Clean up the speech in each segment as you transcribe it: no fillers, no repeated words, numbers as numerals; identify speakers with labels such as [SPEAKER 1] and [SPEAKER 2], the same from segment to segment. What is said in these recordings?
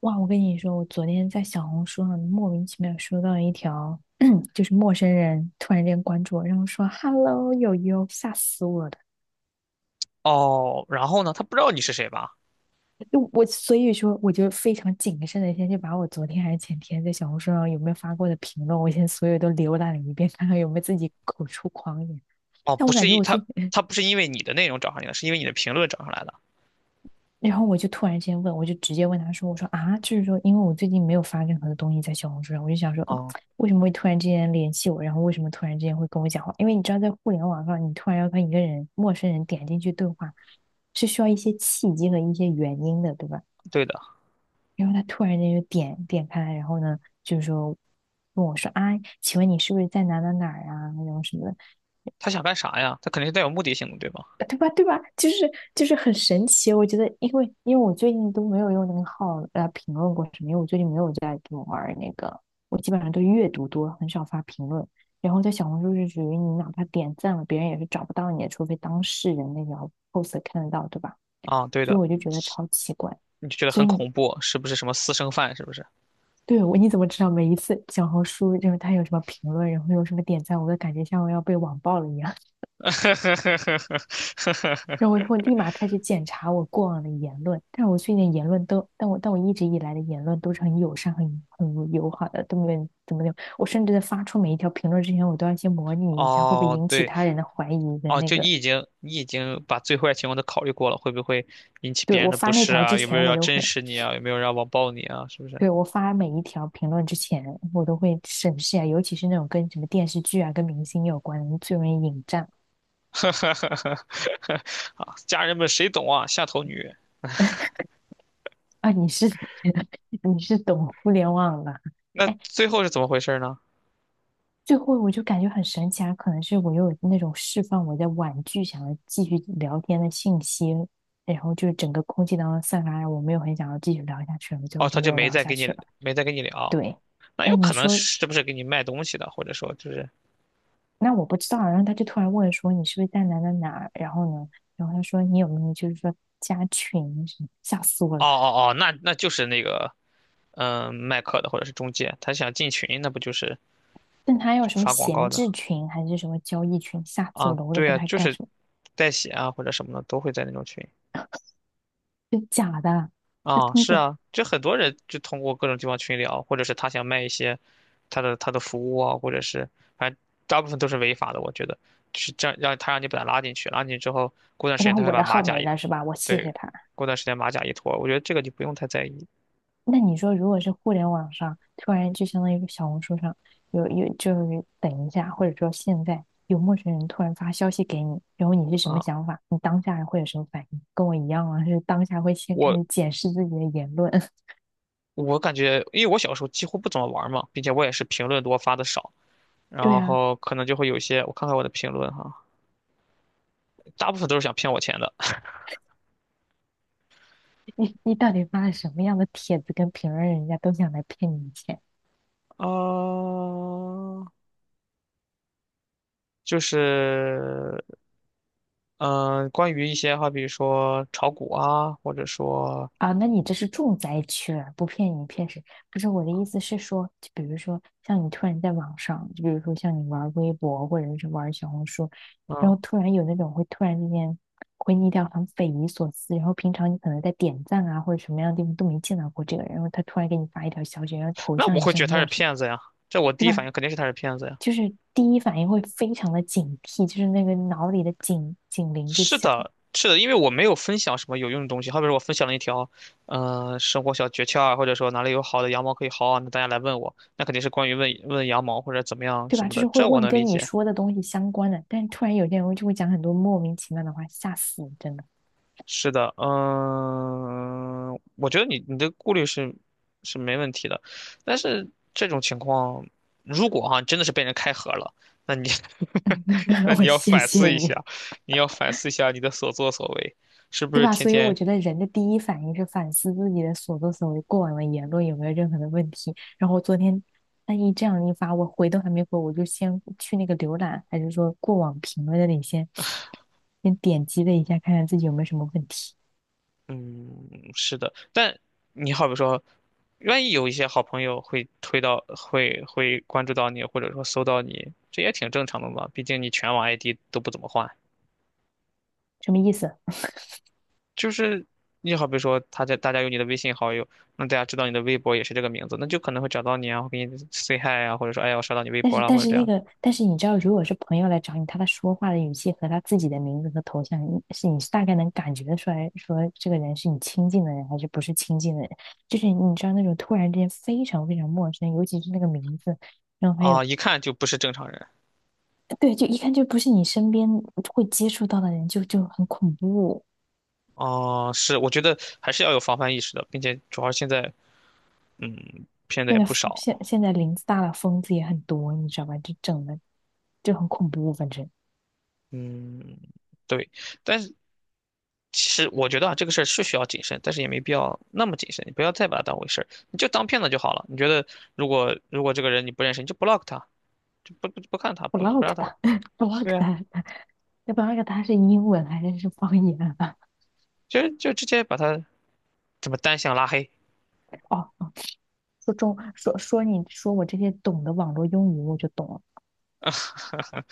[SPEAKER 1] 哇，我跟你说，我昨天在小红书上莫名其妙收到一条，就是陌生人突然间关注我，然后说 "hello 友友"，吓死我了。
[SPEAKER 2] 哦，然后呢，他不知道你是谁吧？
[SPEAKER 1] 就我所以说，我就非常谨慎的先去把我昨天还是前天在小红书上有没有发过的评论，我先所有都浏览了一遍，看看有没有自己口出狂言。
[SPEAKER 2] 哦，
[SPEAKER 1] 但
[SPEAKER 2] 不
[SPEAKER 1] 我感
[SPEAKER 2] 是
[SPEAKER 1] 觉
[SPEAKER 2] 一
[SPEAKER 1] 我
[SPEAKER 2] 他
[SPEAKER 1] 最近。
[SPEAKER 2] 他不是因为你的内容找上你的，是因为你的评论找上来的。
[SPEAKER 1] 然后我就突然之间问，我就直接问他说："我说啊，就是说，因为我最近没有发任何的东西在小红书上，我就想说，
[SPEAKER 2] 哦，
[SPEAKER 1] 为什么会突然之间联系我？然后为什么突然之间会跟我讲话？因为你知道，在互联网上，你突然要跟一个人、陌生人点进去对话，是需要一些契机和一些原因的，对吧？
[SPEAKER 2] 对的，
[SPEAKER 1] 然后他突然间就点开，然后呢，就是说问我说啊，请问你是不是在哪哪哪儿啊？然后什么的。
[SPEAKER 2] 他想干啥呀？他肯定是带有目的性的，对吧？
[SPEAKER 1] 对吧？对吧？就是很神奇，我觉得，因为我最近都没有用那个号来评论过什么，因为我最近没有在玩那个，我基本上都阅读多，很少发评论。然后在小红书是属于你哪怕点赞了，别人也是找不到你的，除非当事人那条 post 看得到，对吧？
[SPEAKER 2] 啊，对
[SPEAKER 1] 所以
[SPEAKER 2] 的，
[SPEAKER 1] 我就觉得超奇怪。
[SPEAKER 2] 你就觉得
[SPEAKER 1] 所
[SPEAKER 2] 很
[SPEAKER 1] 以你
[SPEAKER 2] 恐怖，是不是什么私生饭？是不是？
[SPEAKER 1] 对我你怎么知道每一次小红书就是他有什么评论，然后有什么点赞，我都感觉像我要被网暴了一样。然后 我就会立马开始检查我过往的言论，但我最近言论都，但我一直以来的言论都是很友善、很友好的，都没有怎么的。我甚至在发出每一条评论之前，我都要先模拟一下会不会
[SPEAKER 2] 哦，
[SPEAKER 1] 引起
[SPEAKER 2] 对，
[SPEAKER 1] 他人的怀疑的
[SPEAKER 2] 哦，
[SPEAKER 1] 那
[SPEAKER 2] 就
[SPEAKER 1] 个。
[SPEAKER 2] 你已经把最坏情况都考虑过了，会不会引起
[SPEAKER 1] 对，
[SPEAKER 2] 别人
[SPEAKER 1] 我
[SPEAKER 2] 的不
[SPEAKER 1] 发那
[SPEAKER 2] 适
[SPEAKER 1] 条之
[SPEAKER 2] 啊？有没有
[SPEAKER 1] 前，
[SPEAKER 2] 人
[SPEAKER 1] 我
[SPEAKER 2] 要
[SPEAKER 1] 都
[SPEAKER 2] 真
[SPEAKER 1] 会，
[SPEAKER 2] 实你啊？有没有让要网暴你啊？是不是？
[SPEAKER 1] 对，我发每一条评论之前，我都会审视啊，尤其是那种跟什么电视剧啊、跟明星有关的，最容易引战
[SPEAKER 2] 啊，家人们谁懂啊？下头女。
[SPEAKER 1] 啊。你是 你是懂互联网的。
[SPEAKER 2] 那最后是怎么回事呢？
[SPEAKER 1] 最后我就感觉很神奇啊，可能是我又有那种释放我在婉拒想要继续聊天的信息，然后就整个空气当中散发，我没有很想要继续聊下去了，最后
[SPEAKER 2] 哦，
[SPEAKER 1] 就
[SPEAKER 2] 他
[SPEAKER 1] 没
[SPEAKER 2] 就
[SPEAKER 1] 有
[SPEAKER 2] 没
[SPEAKER 1] 聊
[SPEAKER 2] 再
[SPEAKER 1] 下
[SPEAKER 2] 跟
[SPEAKER 1] 去
[SPEAKER 2] 你
[SPEAKER 1] 了。
[SPEAKER 2] 没再跟你聊，
[SPEAKER 1] 对，
[SPEAKER 2] 那
[SPEAKER 1] 哎，
[SPEAKER 2] 有
[SPEAKER 1] 你
[SPEAKER 2] 可能
[SPEAKER 1] 说，
[SPEAKER 2] 是不是给你卖东西的，或者说就是
[SPEAKER 1] 那我不知道啊然后他就突然问说你是不是在哪哪哪，然后呢，然后他说你有没有就是说加群什么，吓死我了。
[SPEAKER 2] 哦哦哦，那就是那个卖课的或者是中介，他想进群，那不就是
[SPEAKER 1] 但他要什么
[SPEAKER 2] 发广告
[SPEAKER 1] 闲
[SPEAKER 2] 的
[SPEAKER 1] 置群还是什么交易群，吓死我
[SPEAKER 2] 啊？
[SPEAKER 1] 了，我都
[SPEAKER 2] 对
[SPEAKER 1] 不知
[SPEAKER 2] 啊，
[SPEAKER 1] 道他
[SPEAKER 2] 就
[SPEAKER 1] 干
[SPEAKER 2] 是
[SPEAKER 1] 什么，
[SPEAKER 2] 代写啊或者什么的都会在那种群
[SPEAKER 1] 真假的啊，他
[SPEAKER 2] 啊，
[SPEAKER 1] 通
[SPEAKER 2] 是
[SPEAKER 1] 过，
[SPEAKER 2] 啊，就很多人就通过各种地方群聊，或者是他想卖一些他的服务啊，或者是反正大部分都是违法的，我觉得。就是这样，让他让你把他拉进去，拉进去之后，过段时间
[SPEAKER 1] 然后
[SPEAKER 2] 他会
[SPEAKER 1] 我
[SPEAKER 2] 把
[SPEAKER 1] 的
[SPEAKER 2] 马
[SPEAKER 1] 号
[SPEAKER 2] 甲
[SPEAKER 1] 没了是吧？我谢
[SPEAKER 2] 对，
[SPEAKER 1] 谢他。
[SPEAKER 2] 过段时间马甲一脱，我觉得这个就不用太在意
[SPEAKER 1] 那你说，如果是互联网上突然就相当于小红书上有，就是等一下，或者说现在有陌生人突然发消息给你，然后你是什么
[SPEAKER 2] 啊。
[SPEAKER 1] 想法？你当下会有什么反应？跟我一样啊，是当下会先开
[SPEAKER 2] 我
[SPEAKER 1] 始检视自己的言论。
[SPEAKER 2] 我感觉，因为我小时候几乎不怎么玩嘛，并且我也是评论多发的少，
[SPEAKER 1] 对
[SPEAKER 2] 然
[SPEAKER 1] 啊，
[SPEAKER 2] 后可能就会有一些，我看看我的评论哈，大部分都是想骗我钱的。
[SPEAKER 1] 你你到底发了什么样的帖子跟评论，人家都想来骗你钱？
[SPEAKER 2] 啊，就是关于一些好比如说炒股啊，或者说
[SPEAKER 1] 啊，那你这是重灾区了，不骗你骗谁？不是我的意思是说，就比如说像你突然在网上，就比如说像你玩微博或者是玩小红书，然
[SPEAKER 2] 嗯，
[SPEAKER 1] 后突然有那种会突然之间回你一条很匪夷所思，然后平常你可能在点赞啊或者什么样的地方都没见到过这个人，然后他突然给你发一条消息，然后头
[SPEAKER 2] 那
[SPEAKER 1] 像
[SPEAKER 2] 我
[SPEAKER 1] 也
[SPEAKER 2] 会
[SPEAKER 1] 是
[SPEAKER 2] 觉得
[SPEAKER 1] 很
[SPEAKER 2] 他是
[SPEAKER 1] 陌生，
[SPEAKER 2] 骗子呀，这我
[SPEAKER 1] 对
[SPEAKER 2] 第一
[SPEAKER 1] 吧？
[SPEAKER 2] 反应肯定是他是骗子呀。
[SPEAKER 1] 就是第一反应会非常的警惕，就是那个脑里的警铃就
[SPEAKER 2] 是
[SPEAKER 1] 响了。
[SPEAKER 2] 的，是的，因为我没有分享什么有用的东西，好比说我分享了一条，嗯，生活小诀窍啊，或者说哪里有好的羊毛可以薅啊，那大家来问我，那肯定是关于问问羊毛或者怎么样
[SPEAKER 1] 对
[SPEAKER 2] 什
[SPEAKER 1] 吧？
[SPEAKER 2] 么
[SPEAKER 1] 就
[SPEAKER 2] 的，
[SPEAKER 1] 是会
[SPEAKER 2] 这我
[SPEAKER 1] 问
[SPEAKER 2] 能理
[SPEAKER 1] 跟你
[SPEAKER 2] 解。
[SPEAKER 1] 说的东西相关的，但是突然有些人就会讲很多莫名其妙的话，吓死你，真的。
[SPEAKER 2] 是的，嗯，我觉得你的顾虑是是没问题的，但是这种情况，如果哈、真的是被人开盒了，那你 那你
[SPEAKER 1] 我
[SPEAKER 2] 要
[SPEAKER 1] 谢
[SPEAKER 2] 反思
[SPEAKER 1] 谢
[SPEAKER 2] 一
[SPEAKER 1] 你，
[SPEAKER 2] 下，你要反思一下你的所作所为，是不
[SPEAKER 1] 对
[SPEAKER 2] 是
[SPEAKER 1] 吧？
[SPEAKER 2] 天
[SPEAKER 1] 所以我
[SPEAKER 2] 天
[SPEAKER 1] 觉得人的第一反应是反思自己的所作所为，过往的言论有没有任何的问题。然后昨天那一这样一发，我回都还没回，我就先去那个浏览，还是说过往评论那里先先点击了一下，看看自己有没有什么问题，
[SPEAKER 2] 嗯，是的，但你好比说，万一有一些好朋友会推到，会关注到你，或者说搜到你，这也挺正常的嘛。毕竟你全网 ID 都不怎么换，
[SPEAKER 1] 什么意思？
[SPEAKER 2] 就是你好比说，他在大家有你的微信好友，那大家知道你的微博也是这个名字，那就可能会找到你啊，会给你 say hi 啊，或者说哎呀我刷到你微
[SPEAKER 1] 但
[SPEAKER 2] 博
[SPEAKER 1] 是
[SPEAKER 2] 了，
[SPEAKER 1] 但
[SPEAKER 2] 或者
[SPEAKER 1] 是
[SPEAKER 2] 这
[SPEAKER 1] 那
[SPEAKER 2] 样
[SPEAKER 1] 个，但是你知道，如果是朋友来找你，他的说话的语气和他自己的名字和头像，你是大概能感觉得出来，说这个人是你亲近的人还是不是亲近的人。就是你知道那种突然之间非常非常陌生，尤其是那个名字，然后还
[SPEAKER 2] 啊，
[SPEAKER 1] 有
[SPEAKER 2] 一看就不是正常人。
[SPEAKER 1] 呃对，就一看就不是你身边会接触到的人，就就很恐怖。
[SPEAKER 2] 哦，是，我觉得还是要有防范意识的，并且主要现在，嗯，骗子
[SPEAKER 1] 现
[SPEAKER 2] 也
[SPEAKER 1] 在
[SPEAKER 2] 不少，
[SPEAKER 1] 现在林子大了，疯子也很多，你知道吧？就整的就很恐怖，反正
[SPEAKER 2] 嗯，对。但是其实我觉得啊，这个事儿是需要谨慎，但是也没必要那么谨慎。你不要再把它当回事儿，你就当骗子就好了。你觉得如果如果这个人你不认识，你就 block 他，就不看他，不让
[SPEAKER 1] block
[SPEAKER 2] 他。
[SPEAKER 1] 他 block
[SPEAKER 2] 对啊，
[SPEAKER 1] 他，block 他是英文还是是方言啊？
[SPEAKER 2] 就直接把他怎么单向拉黑。
[SPEAKER 1] 哦，说中说说你说我这些懂的网络用语，我就懂了。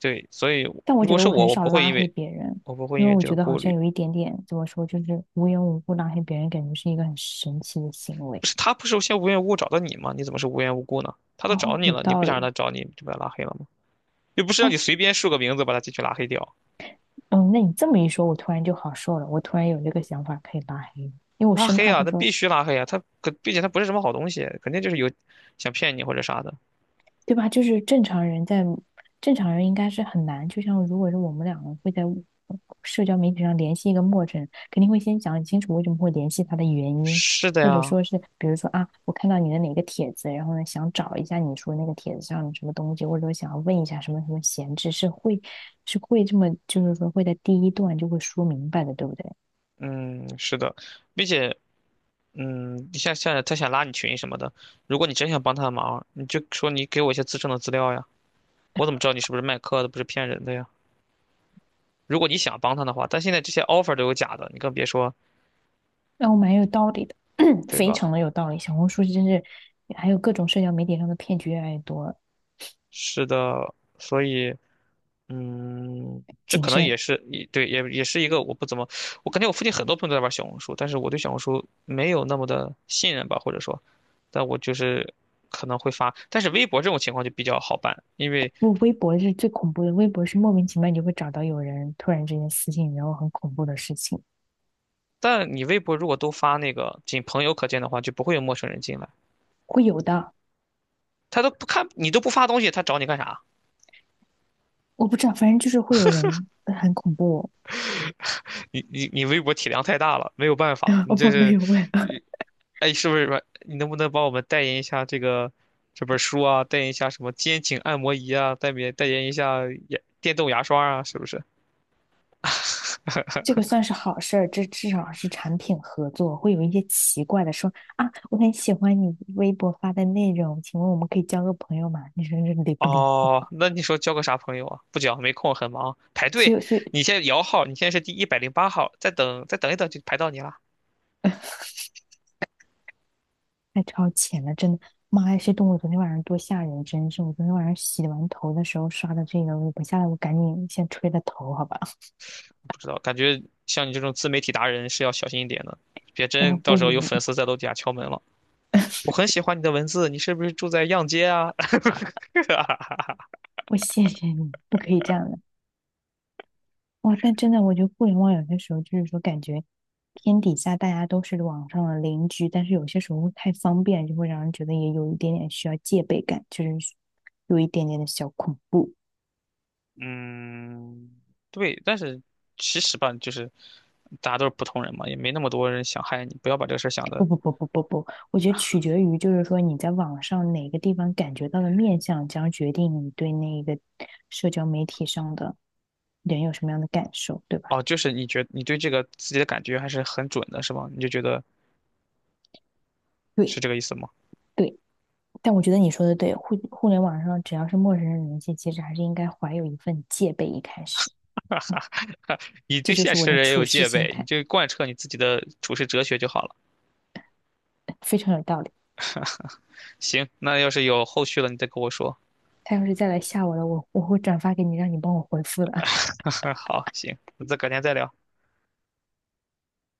[SPEAKER 2] 对，所以
[SPEAKER 1] 但我
[SPEAKER 2] 如
[SPEAKER 1] 觉
[SPEAKER 2] 果
[SPEAKER 1] 得
[SPEAKER 2] 是
[SPEAKER 1] 我很
[SPEAKER 2] 我，我
[SPEAKER 1] 少
[SPEAKER 2] 不会
[SPEAKER 1] 拉
[SPEAKER 2] 因
[SPEAKER 1] 黑
[SPEAKER 2] 为
[SPEAKER 1] 别人，
[SPEAKER 2] 我不会
[SPEAKER 1] 因
[SPEAKER 2] 因
[SPEAKER 1] 为
[SPEAKER 2] 为
[SPEAKER 1] 我
[SPEAKER 2] 这个
[SPEAKER 1] 觉得好
[SPEAKER 2] 顾
[SPEAKER 1] 像
[SPEAKER 2] 虑。
[SPEAKER 1] 有一点点怎么说，就是无缘无故拉黑别人，感觉是一个很神奇的行为。
[SPEAKER 2] 不是他不是先无缘无故找到你吗？你怎么是无缘无故呢？他都找
[SPEAKER 1] 哦，
[SPEAKER 2] 你
[SPEAKER 1] 有
[SPEAKER 2] 了，你
[SPEAKER 1] 道
[SPEAKER 2] 不想让
[SPEAKER 1] 理。
[SPEAKER 2] 他找你，就把他拉黑了吗？又不是让
[SPEAKER 1] 哎，
[SPEAKER 2] 你随便输个名字把他进去拉黑掉。
[SPEAKER 1] 嗯，那你这么一说，我突然就好受了。我突然有这个想法可以拉黑，因为我
[SPEAKER 2] 拉
[SPEAKER 1] 生
[SPEAKER 2] 黑
[SPEAKER 1] 怕
[SPEAKER 2] 啊，
[SPEAKER 1] 到
[SPEAKER 2] 那
[SPEAKER 1] 时候
[SPEAKER 2] 必须拉黑啊！他可，并且他不是什么好东西，肯定就是有想骗你或者啥的。
[SPEAKER 1] 对吧？就是正常人在正常人应该是很难，就像如果是我们两个会在社交媒体上联系一个陌生人，肯定会先讲清楚为什么会联系他的原因，
[SPEAKER 2] 是的
[SPEAKER 1] 或者
[SPEAKER 2] 呀，
[SPEAKER 1] 说是比如说啊，我看到你的哪个帖子，然后呢想找一下你说那个帖子上的什么东西，或者说想要问一下什么什么闲置，是会这么就是说会在第一段就会说明白的，对不对？
[SPEAKER 2] 嗯，是的，并且，嗯，你像他想拉你群什么的，如果你真想帮他的忙，你就说你给我一些自证的资料呀，我怎么知道你是不是卖课的，不是骗人的呀？如果你想帮他的话，但现在这些 offer 都有假的，你更别说，
[SPEAKER 1] 然后蛮有道理的，
[SPEAKER 2] 对
[SPEAKER 1] 非
[SPEAKER 2] 吧？
[SPEAKER 1] 常的有道理。小红书真是还有各种社交媒体上的骗局越来越多，
[SPEAKER 2] 是的，所以。嗯，这
[SPEAKER 1] 谨
[SPEAKER 2] 可能
[SPEAKER 1] 慎。
[SPEAKER 2] 也是也对，也是一个我不怎么，我感觉我附近很多朋友都在玩小红书，但是我对小红书没有那么的信任吧，或者说，但我就是可能会发，但是微博这种情况就比较好办，因为
[SPEAKER 1] 我微博是最恐怖的。微博是莫名其妙你就会找到有人突然之间私信然后很恐怖的事情，
[SPEAKER 2] 但你微博如果都发那个仅朋友可见的话，就不会有陌生人进来，
[SPEAKER 1] 会有的。
[SPEAKER 2] 他都不看你都不发东西，他找你干啥？
[SPEAKER 1] 我不知道，反正就是会有人，很恐怖。
[SPEAKER 2] 你微博体量太大了，没有办法，你
[SPEAKER 1] 我
[SPEAKER 2] 这
[SPEAKER 1] 们没
[SPEAKER 2] 是。
[SPEAKER 1] 有问，
[SPEAKER 2] 哎，是不是吧？你能不能帮我们代言一下这个这本书啊？代言一下什么肩颈按摩仪啊？代言代言一下牙电动牙刷啊？是不是？
[SPEAKER 1] 这个算是好事儿，这至少是产品合作，会有一些奇怪的说啊，我很喜欢你微博发的内容，请问我们可以交个朋友吗？你说这离 不离谱？
[SPEAKER 2] 哦，那你说交个啥朋友啊？不交，没空，很忙，排
[SPEAKER 1] 所
[SPEAKER 2] 队。
[SPEAKER 1] 以，所以
[SPEAKER 2] 你现在摇号，你现在是第108号，再等再等一等就排到你了。
[SPEAKER 1] 太超前了，真的！妈呀，这动物昨天晚上多吓人，真是！我昨天晚上洗完头的时候刷的这个微博，我下来我赶紧先吹了头，好吧？
[SPEAKER 2] 不知道，感觉像你这种自媒体达人是要小心一点的，别
[SPEAKER 1] 然
[SPEAKER 2] 真
[SPEAKER 1] 后
[SPEAKER 2] 到时候有
[SPEAKER 1] 不，
[SPEAKER 2] 粉丝在楼底下敲门了。我很喜欢你的文字，你是不是住在样街啊？
[SPEAKER 1] 我谢谢你，不可以这样的。哇，但真的，我觉得互联网有些时候就是说，感觉天底下大家都是网上的邻居，但是有些时候太方便，就会让人觉得也有一点点需要戒备感，就是有一点点的小恐怖。
[SPEAKER 2] 嗯，对，但是其实吧，就是大家都是普通人嘛，也没那么多人想害你，不要把这个事儿想
[SPEAKER 1] 不
[SPEAKER 2] 的。
[SPEAKER 1] 不不不不不，我觉得取决于就是说你在网上哪个地方感觉到的面相，将决定你对那个社交媒体上的人有什么样的感受，对吧？
[SPEAKER 2] 哦，就是你觉你对这个自己的感觉还是很准的，是吗？你就觉得是
[SPEAKER 1] 对
[SPEAKER 2] 这个意思吗？
[SPEAKER 1] 对，但我觉得你说的对，互联网上只要是陌生人联系，其实还是应该怀有一份戒备。一开始，
[SPEAKER 2] 你
[SPEAKER 1] 这
[SPEAKER 2] 对
[SPEAKER 1] 就
[SPEAKER 2] 现
[SPEAKER 1] 是
[SPEAKER 2] 实
[SPEAKER 1] 我
[SPEAKER 2] 的
[SPEAKER 1] 的
[SPEAKER 2] 人也
[SPEAKER 1] 处
[SPEAKER 2] 有
[SPEAKER 1] 事
[SPEAKER 2] 戒
[SPEAKER 1] 心
[SPEAKER 2] 备，你
[SPEAKER 1] 态，
[SPEAKER 2] 就贯彻你自己的处世哲学就好了。
[SPEAKER 1] 非常有道理。
[SPEAKER 2] 行，那要是有后续了，你再跟我说。
[SPEAKER 1] 他要是再来吓我了，我会转发给你，让你帮我回复的。
[SPEAKER 2] 好，行，那再改天再聊。